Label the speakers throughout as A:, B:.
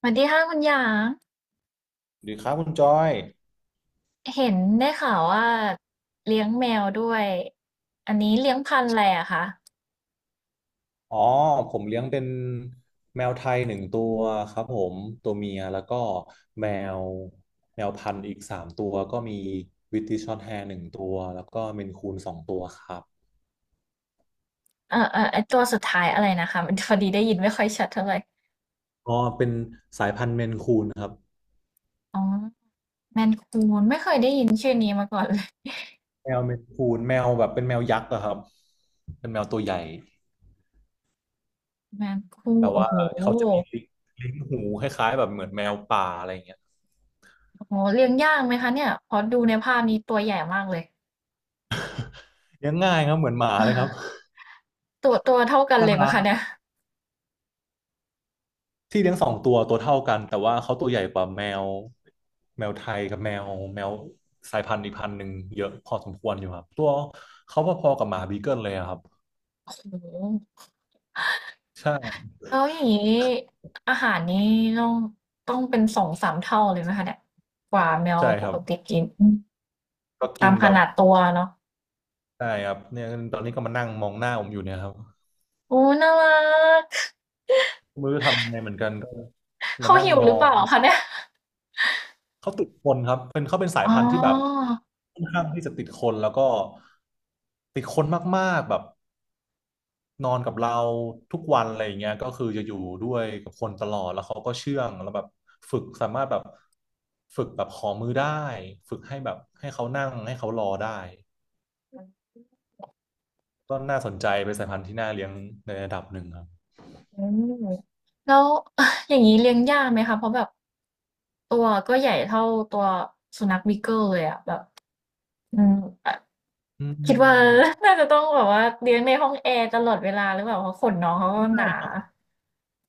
A: สวัสดีค่ะคุณหยาง
B: สวัสดีครับคุณจอย
A: เห็นได้ข่าวว่าเลี้ยงแมวด้วยอันนี้เลี้ยงพันธุ์อะไรอะคะ
B: อ๋อผมเลี้ยงเป็นแมวไทยหนึ่งตัวครับผมตัวเมียแล้วก็แมวแมวพันธุ์อีก3 ตัวก็มีวิตติชช็อร์ตแฮร์หนึ่งตัวแล้วก็เมนคูนสองตัวครับ
A: เออเออไอตัวสุดท้ายอะไรนะคะมันพอดีได้ยินไม่ค่อยชัดเท่าไหร่
B: อ๋อเป็นสายพันธุ์เมนคูนครับ
A: อ๋อแมนคูนไม่เคยได้ยินชื่อนี้มาก่อนเลย
B: แมวเมนคูนแมวแบบเป็นแมวยักษ์อะครับเป็นแมวตัวใหญ่
A: แมนคูน
B: แต่
A: โอ้
B: ว่า
A: โห
B: เขาจะมีลิ้นลิ้นหูคล้ายๆแบบเหมือนแมวป่าอะไรอย่างเงี้ย
A: โอ้โหเลี้ยงยากไหมคะเนี่ยพอดูในภาพนี้ตัวใหญ่มากเลย
B: เลี้ยงง่ายครับเหมือนหมา
A: อ่า
B: เลยครับ
A: ตัวเท่ากัน
B: น่า
A: เลยไหม
B: รั
A: คะเนี่
B: ก
A: ย
B: ที่เลี้ยง2 ตัวตัวเท่ากันแต่ว่าเขาตัวใหญ่กว่าแมวไทยกับแมวสายพันธุ์อีกพันธุ์หนึ่งเยอะพอสมควรอยู่ครับตัวเขาพอๆกับหมาบีเกิลเลยอะครับ
A: โอ้โห
B: ใช่
A: แล้วอย่างนี้อาหารนี้ต้องต้องเป็นสองสามเท่าเลยไหมคะเนี่ยกว่าแมว
B: ใช่
A: ป
B: ครับ
A: กติกินอืม
B: ก็กิ
A: ตา
B: น
A: มข
B: แบบ
A: นาดตัวเนาะ
B: ใช่ครับเนี่ยตอนนี้ก็มานั่งมองหน้าผมอยู่เนี่ยครับ
A: โอ้น่ารัก
B: ไม่รู้จะทำยังไงเหมือนกันก็ มา
A: เขา
B: นั่ง
A: หิว
B: ม
A: หรื
B: อ
A: อเป
B: ง
A: ล่าคะเนี่ย
B: เขาติดคนครับเป็นเขาเป็นสาย
A: อ๋อ
B: พันธุ์ที่แบบค่อนข้างที่จะติดคนแล้วก็ติดคนมากๆแบบ นอนกับเราทุกวันอะไรอย่างเงี้ยก็คือจะอยู่ด้วยกับคนตลอดแล้วเขาก็เชื่องแล้วแบบฝึกสามารถแบบฝึกแบบขอมือได้ฝึกให้แบบให้เขานั่งให้เขารอได้ก็น่าสนใจเป็นสายพันธุ์ที่น่าเลี้ยงในระดับหนึ่งครับ
A: อืมแล้ว อย่างนี้เลี้ยงยากไหมคะเพราะแบบตัวก็ใหญ่เท่าตัวสุนัขบีเกิลเลยอะแบบอืมอ่ะ
B: อื
A: คิดว่า
B: ม
A: น่าจะต้องแบบว่าเลี้ยงในห้องแอร์ตลอดเวลาหรือเปล่าเพราะขนน้องเขา
B: ก็
A: ก็ห
B: ไม่
A: นา
B: ครับ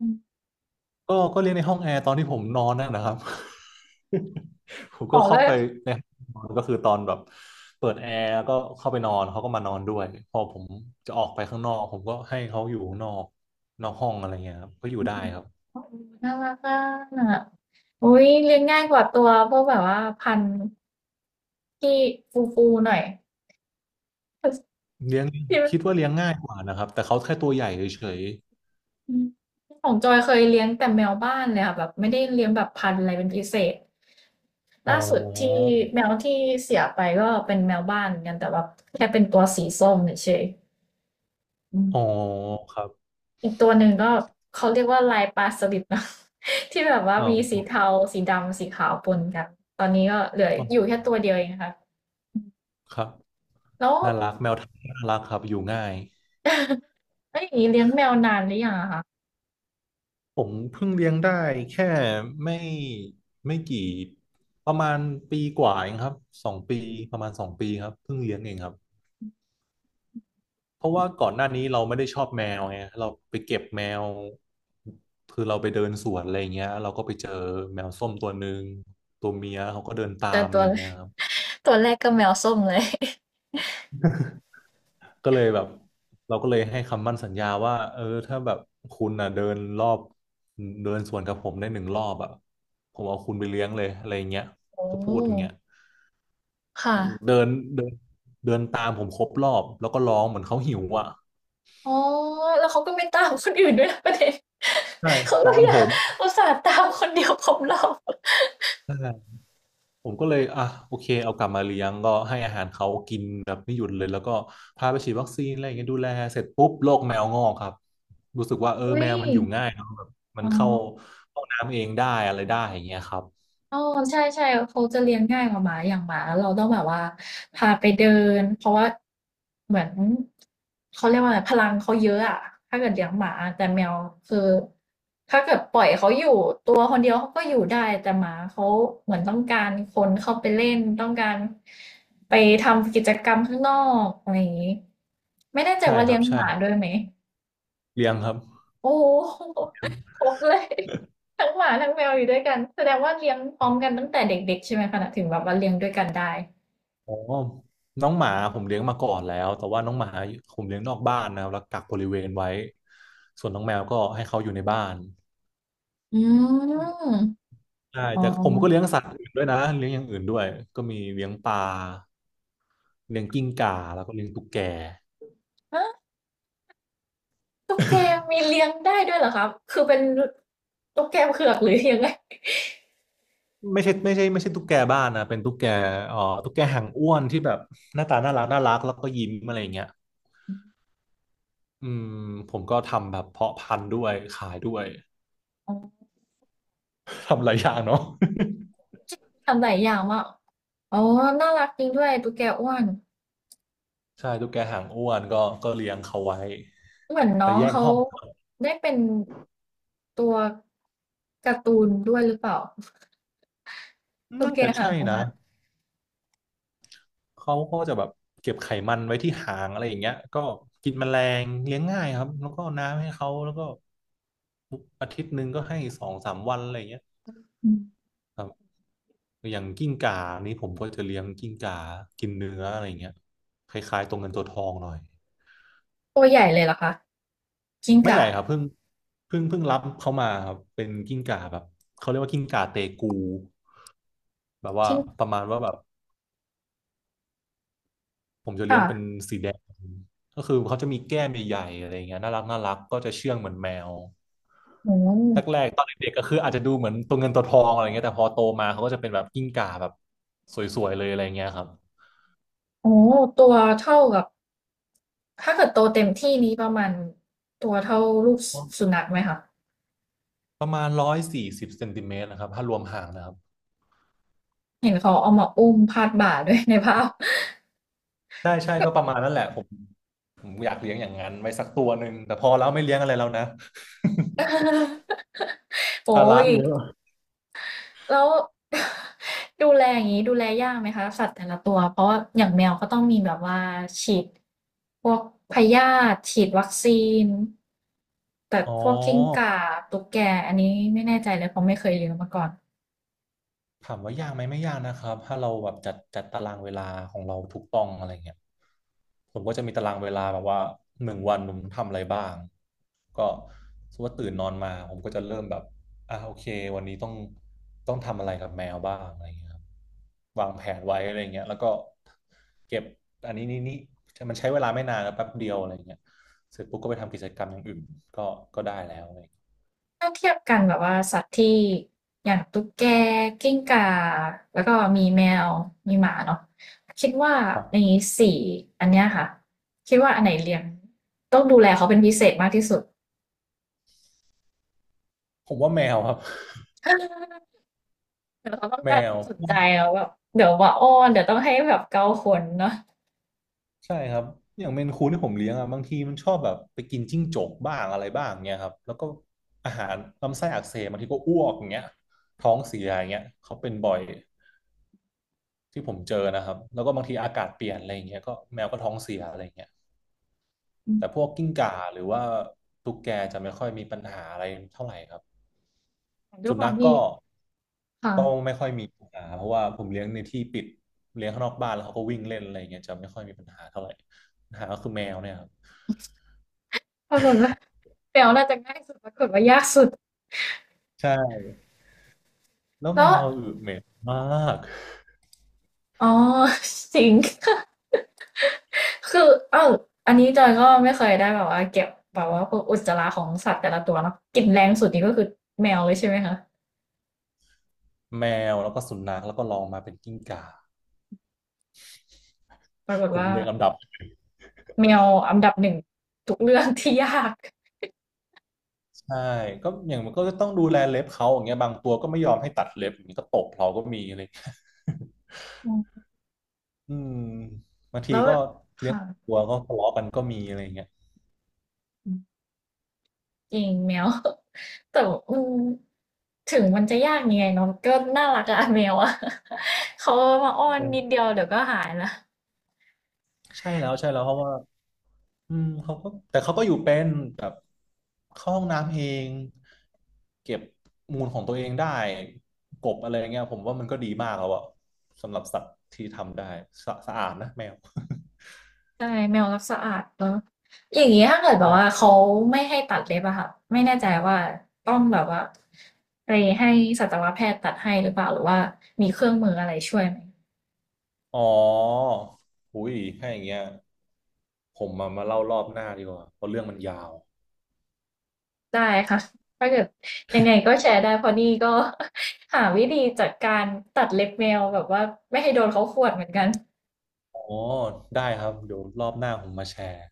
A: อ
B: ก็เรียนในห้องแอร์ตอนที่ผมนอนนั่นนะครับ ผม
A: ม
B: ก็
A: อก
B: เข้า
A: ก็
B: ไปในห้องนอนก็คือตอนแบบเปิดแอร์แล้วก็เข้าไปนอนเขาก็มานอนด้วยพอผมจะออกไปข้างนอกผมก็ให้เขาอยู่ข้างนอกนอกห้องอะไรเงี้ยครับก็อยู่
A: อื
B: ได้
A: ม
B: ครับ
A: โอ้โฮน่ารักอะอุ๊ยเลี้ยงง่ายกว่าตัวพวกแบบว่าพันธุ์ที่ฟูๆหน่อย
B: เลี้ยง
A: ที่
B: คิดว่าเลี้ยงง่ายกว่านะครับแต่เขาแค่ตัวใหญ่เฉย
A: อืมของจอยเคยเลี้ยงแต่แมวบ้านเลยค่ะแบบไม่ได้เลี้ยงแบบพันธุ์อะไรเป็นพิเศษ
B: ๆอ๋อ
A: ล่าสุดที่แมวที่เสียไปก็เป็นแมวบ้านเหมือนกันแต่แบบแค่เป็นตัวสีส้มเฉยๆอืม
B: อ๋อครับ
A: อีกตัวหนึ่งก็เขาเรียกว่าลายปลาสลิดนะ ที่แบบว่า
B: อ๋อ
A: มีสีเทาสีดำสีขาวปนกันตอนนี้ก็เหลือ
B: อ๋
A: อยู่
B: อ
A: แค่ตัวเดียวเองค่ะอืม
B: ครับ
A: แล้ว
B: น่ารักแมวไทยน่ารักครับอยู่ง่าย
A: เอ้ยอย่างนี้เลี้ยงแมวนานหรือยังอะคะ
B: ผมเพิ่งเลี้ยงได้แค่ไม่ไม่กี่ประมาณปีกว่าเองครับสองปีประมาณสองปีครับเพิ่งเลี้ยงเองครับเพราะว่าก่อนหน้านี้เราไม่ได้ชอบแมวไงเราไปเก็บแมวคือเราไปเดินสวนอะไรเงี้ยเราก็ไปเจอแมวส้มตัวหนึ่งตัวเมียเขาก็เดินตา
A: แต่
B: มอะ
A: ตั
B: ไร
A: ว
B: เงี้ยครับ
A: ตัวแรกก็แมวส้มเลย
B: ก็เลยแบบเราก็เลยให้คำมั่นสัญญาว่าเออถ้าแบบคุณอ่ะเดินรอบเดินสวนกับผมได้1 รอบอ่ะผมเอาคุณไปเลี้ยงเลยอะไรเงี้ย
A: โอ้
B: ก็พูดอย่างเงี้ย
A: ค่ะ
B: เดินเดินเดินตามผมครบรอบแล้วก็ร้องเหมือนเขาหิวอ่ะ
A: อ๋อแล้วเขาก็ไม่ตามคนอื่นด้วยนะประเด็น
B: ใช่
A: เขา
B: ตา
A: ก็
B: ม
A: อ
B: ผ
A: ยาก
B: ม
A: อุตส่าห์ตามคนเดียวครบรอบ
B: ใช่ผมก็เลยอ่ะโอเคเอากลับมาเลี้ยงก็ให้อาหารเขากินแบบไม่หยุดเลยแล้วก็พาไปฉีดวัคซีนอะไรอย่างเงี้ยดูแลเสร็จปุ๊บโรคแมวงอกครับรู้สึกว่าเออ
A: อุ้
B: แม
A: ย
B: วมันอยู่ง่ายเนอะแบบมัน
A: อ๋อ
B: เข้าห้องน้ำเองได้อะไรได้อย่างเงี้ยครับ
A: อ๋อใช่ๆเขาจะเลี้ยงง่ายกว่าหมาอย่างหมาเราต้องแบบว่าพาไปเดินเพราะว่าเหมือนเขาเรียกว่าอะไรพลังเขาเยอะอะถ้าเกิดเลี้ยงหมาแต่แมวคือถ้าเกิดปล่อยเขาอยู่ตัวคนเดียวเขาก็อยู่ได้แต่หมาเขาเหมือนต้องการคนเข้าไปเล่นต้องการไปทำกิจกรรมข้างนอกอะไรอย่างงี้ไม่แน่ใจ
B: ใช่
A: ว่า
B: ค
A: เลี้
B: รับ
A: ยง
B: ใช่
A: หมาด้วยไหม
B: เลี้ยงครับ
A: โอ้ โฮครบเลย ทั้งหมาทั้งแมวอยู่ด้วยกันแสดงว่าเลี้ยงพร้อมกันตั้งแต่เด็กๆใช่ไหมคะถึงแบบว่าเลี้ยงด้วยกันได้
B: อ๋อน้องหมาผมเลี้ยงมาก่อนแล้ว แต่ว่าน้องหมาผมเลี้ยงนอกบ้านนะครับแล้วกักบริเวณไว้ ส่วนน้องแมวก็ให้เขาอยู่ในบ้าน
A: อืม
B: ใช่
A: อ๋
B: แต่ผมก็เลี้ยง
A: อ
B: สัตว์อื่นด้วยนะเลี้ยงอย่างอื่นด้วยก็มีเลี้ยงปลาเลี้ยงกิ้งก่าแล้วก็เลี้ยงตุ๊กแก
A: ฮะตุ๊กแกมีเลี้ยงได้ด้วยเหรอคะคือเป็นตุ๊กแกเผือกหรือยังไง
B: ไม่ใช่ไม่ใช่ไม่ใช่ตุ๊กแกบ้านนะเป็นตุ๊กแกเอ่อตุ๊กแกหางอ้วนที่แบบหน้าตาน่ารักน่ารักแล้วก็ยิ้มอะไรอย่างเงี้ยอืมผมก็ทำแบบเพาะพันธุ์ด้วยขายด้วย
A: อ๋อ
B: ทำหลายอย่างเนาะ
A: ทำหลายอย่างมากอ๋อน่ารักจริงด้วยตุ๊กแกอ้วน
B: ใช่ตุ๊กแกหางอ้วนก็เลี้ยงเขาไว้
A: เหมือนน้
B: แต่
A: อง
B: แยก
A: เขา
B: ห้องครับ
A: ได้เป็นตัวการ์ตูนด้วยหรือเปล่าตุ๊ก
B: น่า
A: แก
B: จะ
A: หา
B: ใช่
A: งออก
B: นะ
A: มา
B: เขาก็จะแบบเก็บไขมันไว้ที่หางอะไรอย่างเงี้ยก็กินแมลงเลี้ยงง่ายครับแล้วก็น้ำให้เขาแล้วก็อาทิตย์หนึ่งก็ให้สองสามวันอะไรอย่างเงี้ย
A: อืม
B: ครับอย่างกิ้งก่านี่ผมก็จะเลี้ยงกิ้งก่ากินเนื้ออะไรอย่างเงี้ยคล้ายๆตัวเงินตัวทองหน่อย
A: ตัวใหญ่เลยเหรอคะ กิ้ง
B: ไม่ให
A: ก่า
B: ญ่ครับเพิ่งรับเขามาครับเป็นกิ้งก่าแบบเขาเรียกว่ากิ้งก่าเตกูแบบว่า
A: กิ้ง
B: ประมาณว่าแบบ ผมจะเลี้ย
A: ค่ะ
B: งเป็นสีแดงก็คือเขาจะมีแก้มใหญ่ๆอะไรอย่างเงี้ยน่ารักก็จะเชื่องเหมือนแมว
A: โอ้โห
B: แรกๆตอนเด็กๆก็คืออาจจะดูเหมือนตัวเงินตัวทองอะไรเงี้ยแต่พอโตมาเขาก็จะเป็นแบบกิ้งก่าแบบสวยๆเลยอะไรเงี้ยครับ
A: โอ้โหตัวเท่ากับถ้าเกิดโตเต็มที่นี้ประมาณตัวเท่าลูกสุนัขไหมคะ
B: ประมาณ140เซนติเมตรนะครับถ้ารวมหางนะครับ
A: เห็นเขาเอามาอุ้มพาดบ่าด้วยในภาพ
B: ใช่ก็ประมาณนั้นแหละผมอยากเลี้ยงอย่างนั้นไว้สักตัวหนึ่งแต่พอแล้วไม่เลี้ยงอะไรแล้วนะ
A: โอ้
B: ภาระ
A: ย
B: เยอะ
A: แล้ว ดูแลอย่างนี้ดูแลยากไหมคะสัตว์แต่ละตัวเพราะว่าอย่างแมวก็ต้องมีแบบว่าฉีดพวกพยาธิฉีดวัคซีนแต่
B: อ๋อ
A: พวกกิ้งก่าตุ๊กแกอันนี้ไม่แน่ใจเลยเพราะไม่เคยเลี้ยงมาก่อน
B: ถามว่ายากไหมไม่ยากนะครับถ้าเราแบบจัดตารางเวลาของเราถูกต้องอะไรเงี้ยผมก็จะมีตารางเวลาแบบว่าหนึ่งวันผมทำอะไรบ้างก็สมมติว่าตื่นนอนมาผมก็จะเริ่มแบบโอเควันนี้ต้องทำอะไรกับแมวบ้างอะไรเงี้ยครับวางแผนไว้อะไรเงี้ยแล้วก็เก็บอันนี้นี่มันใช้เวลาไม่นานนะแป๊บเดียวอะไรเงี้ยเสร็จปุ๊บก็ไปทำกิจกรรมอย่างอื่นก็ก็ได้แล้วอะไรเงี้ย
A: ถ้าเทียบกันแบบว่าสัตว์ที่อย่างตุ๊กแกกิ้งก่าแล้วก็มีแมวมีหมาเนาะคิดว่า
B: ครั
A: ใน
B: บ
A: สี่อันเนี้ยค่ะคิดว่าอันไหนเลี้ยงต้องดูแลเขาเป็นพิเศษมากที่สุด
B: ผมว่าแมวครับ
A: เดี๋ยวเขาต้อง
B: แม
A: การค
B: ว
A: วามสนใจแล้วแบบเดี๋ยวว่าอ้อนเดี๋ยวต้องให้แบบเกาขนเนาะ
B: ใช่ครับอย่างเมนคูนที่ผมเลี้ยงอ่ะบางทีมันชอบแบบไปกินจิ้งจกบ้างอะไรบ้างเงี้ยครับแล้วก็อาหารลำไส้อักเสบบางทีก็อ้วกอย่างเงี้ยท้องเสียอย่างเงี้ยเขาเป็นบ่อยที่ผมเจอนะครับแล้วก็บางทีอากาศเปลี่ยนอะไรอย่างเงี้ยก็แมวก็ท้องเสียอะไรอย่างเงี้ย
A: อื
B: แต่พ
A: ม
B: วกกิ้งก่าหรือว่าตุ๊กแกจะไม่ค่อยมีปัญหาอะไรเท่าไหร่ครับ
A: ด้ว
B: สุ
A: ยควา
B: นั
A: ม
B: ข
A: ที่
B: ก็
A: ค่ะ
B: ก็ไม่ค่อยมีปัญหาเพราะว่าผมเลี้ยงในที่ปิดเลี้ยงข้างนอกบ้านแล้วเขาก็วิ่งเล่นอะไรอย่างเงี้ยจะไม่ค่อยมีปัญหาเท่าไหร่ปัญหาก็คือแมวเนี่ยครับ
A: ปรากฏว่าแมวน่าจะง่ายสุดปรากฏว่ายากสุด
B: ใช่แล้วแม
A: แล้ว
B: วอึเหม็นมาก
A: อ๋อ จริง คือเอ้าอันนี้จอยก็ไม่เคยได้แบบว่าเก็บแบบว่าพวกอุจจาระของสัตว์แต่ละตัวเนาะกลิ่นแรงสุดนี่ก็คือแมวเลยใช่ไหมคะ
B: แมวแล้วก็สุนัขแล้วก็ลองมาเป็นกิ้งก่า
A: ปรากฏ
B: ผม
A: ว่า
B: เรียงลำดับ
A: แมวอันดับหนึ่งทุกเรื่องที่ยาก
B: ใช่ก็อย่างมันก็จะต้องดูแลเล็บเขาอย่างเงี้ยบางตัวก็ไม่ยอมให้ตัดเล็บอย่างนี้ก็ตบเราก็มีอะไร อยงเงี้ย
A: อืม
B: อืมบางที
A: แล้ว
B: ก็เลี้ยง
A: ค่ะ
B: ตัวก็ทะเลาะกันก็มีอะไรอย่างเงี้ย
A: อืมจริงแมว แต่ว่าอืมถึงมันจะยากยังไงเนาะก็น่ารักอะ แมวอะ เขามาอ้อนนิด
B: เออ
A: เดียวเดี๋ยวก็หายละ
B: ใช่แล้วเพราะว่า อืมเขาก็แต่เขาก็อยู่เป็นแบบเข้าห้องน้ำเองเก็บมูลของตัวเองได้กบอะไรเงี้ยผมว่ามันก็ดีมากแล้วอะสำหรับสัตว์ที่ทำได้สะอาดนะแมว
A: ใช่แมวรักสะอาดเนอะอย่างนี้ถ้าเกิดแบบว่า
B: ใช่
A: เขาไม่ให้ตัดเล็บอะค่ะไม่แน่ใจว่าต้องแบบว่าไปให้สัตวแพทย์ตัดให้หรือเปล่าหรือว่ามีเครื่องมืออะไรช่วยไหม
B: อ๋อหุยถ้าอย่างเงี้ยผมมาเล่ารอบหน้าดีกว่าเพราะเรื่องมันยาว
A: ได้ค่ะถ้าเกิดยังไงก็แชร์ได้เพราะนี่ก็ หาวิธีจัดการตัดเล็บแมวแบบว่าไม่ให้โดนเขาข่วนเหมือนกัน
B: อ๋อได้ครับเดี๋ยวรอบหน้าผมมาแชร์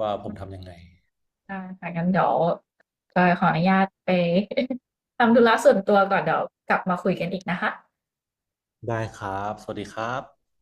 B: ว่าผมทำยังไง
A: ได้ค่ะงั้นเดี๋ยวจอยขออนุญาตไป ทำธุระส่วนตัวก่อนเดี๋ยวกลับมาคุยกันอีกนะคะ
B: ได้ครับสวัสดีครับ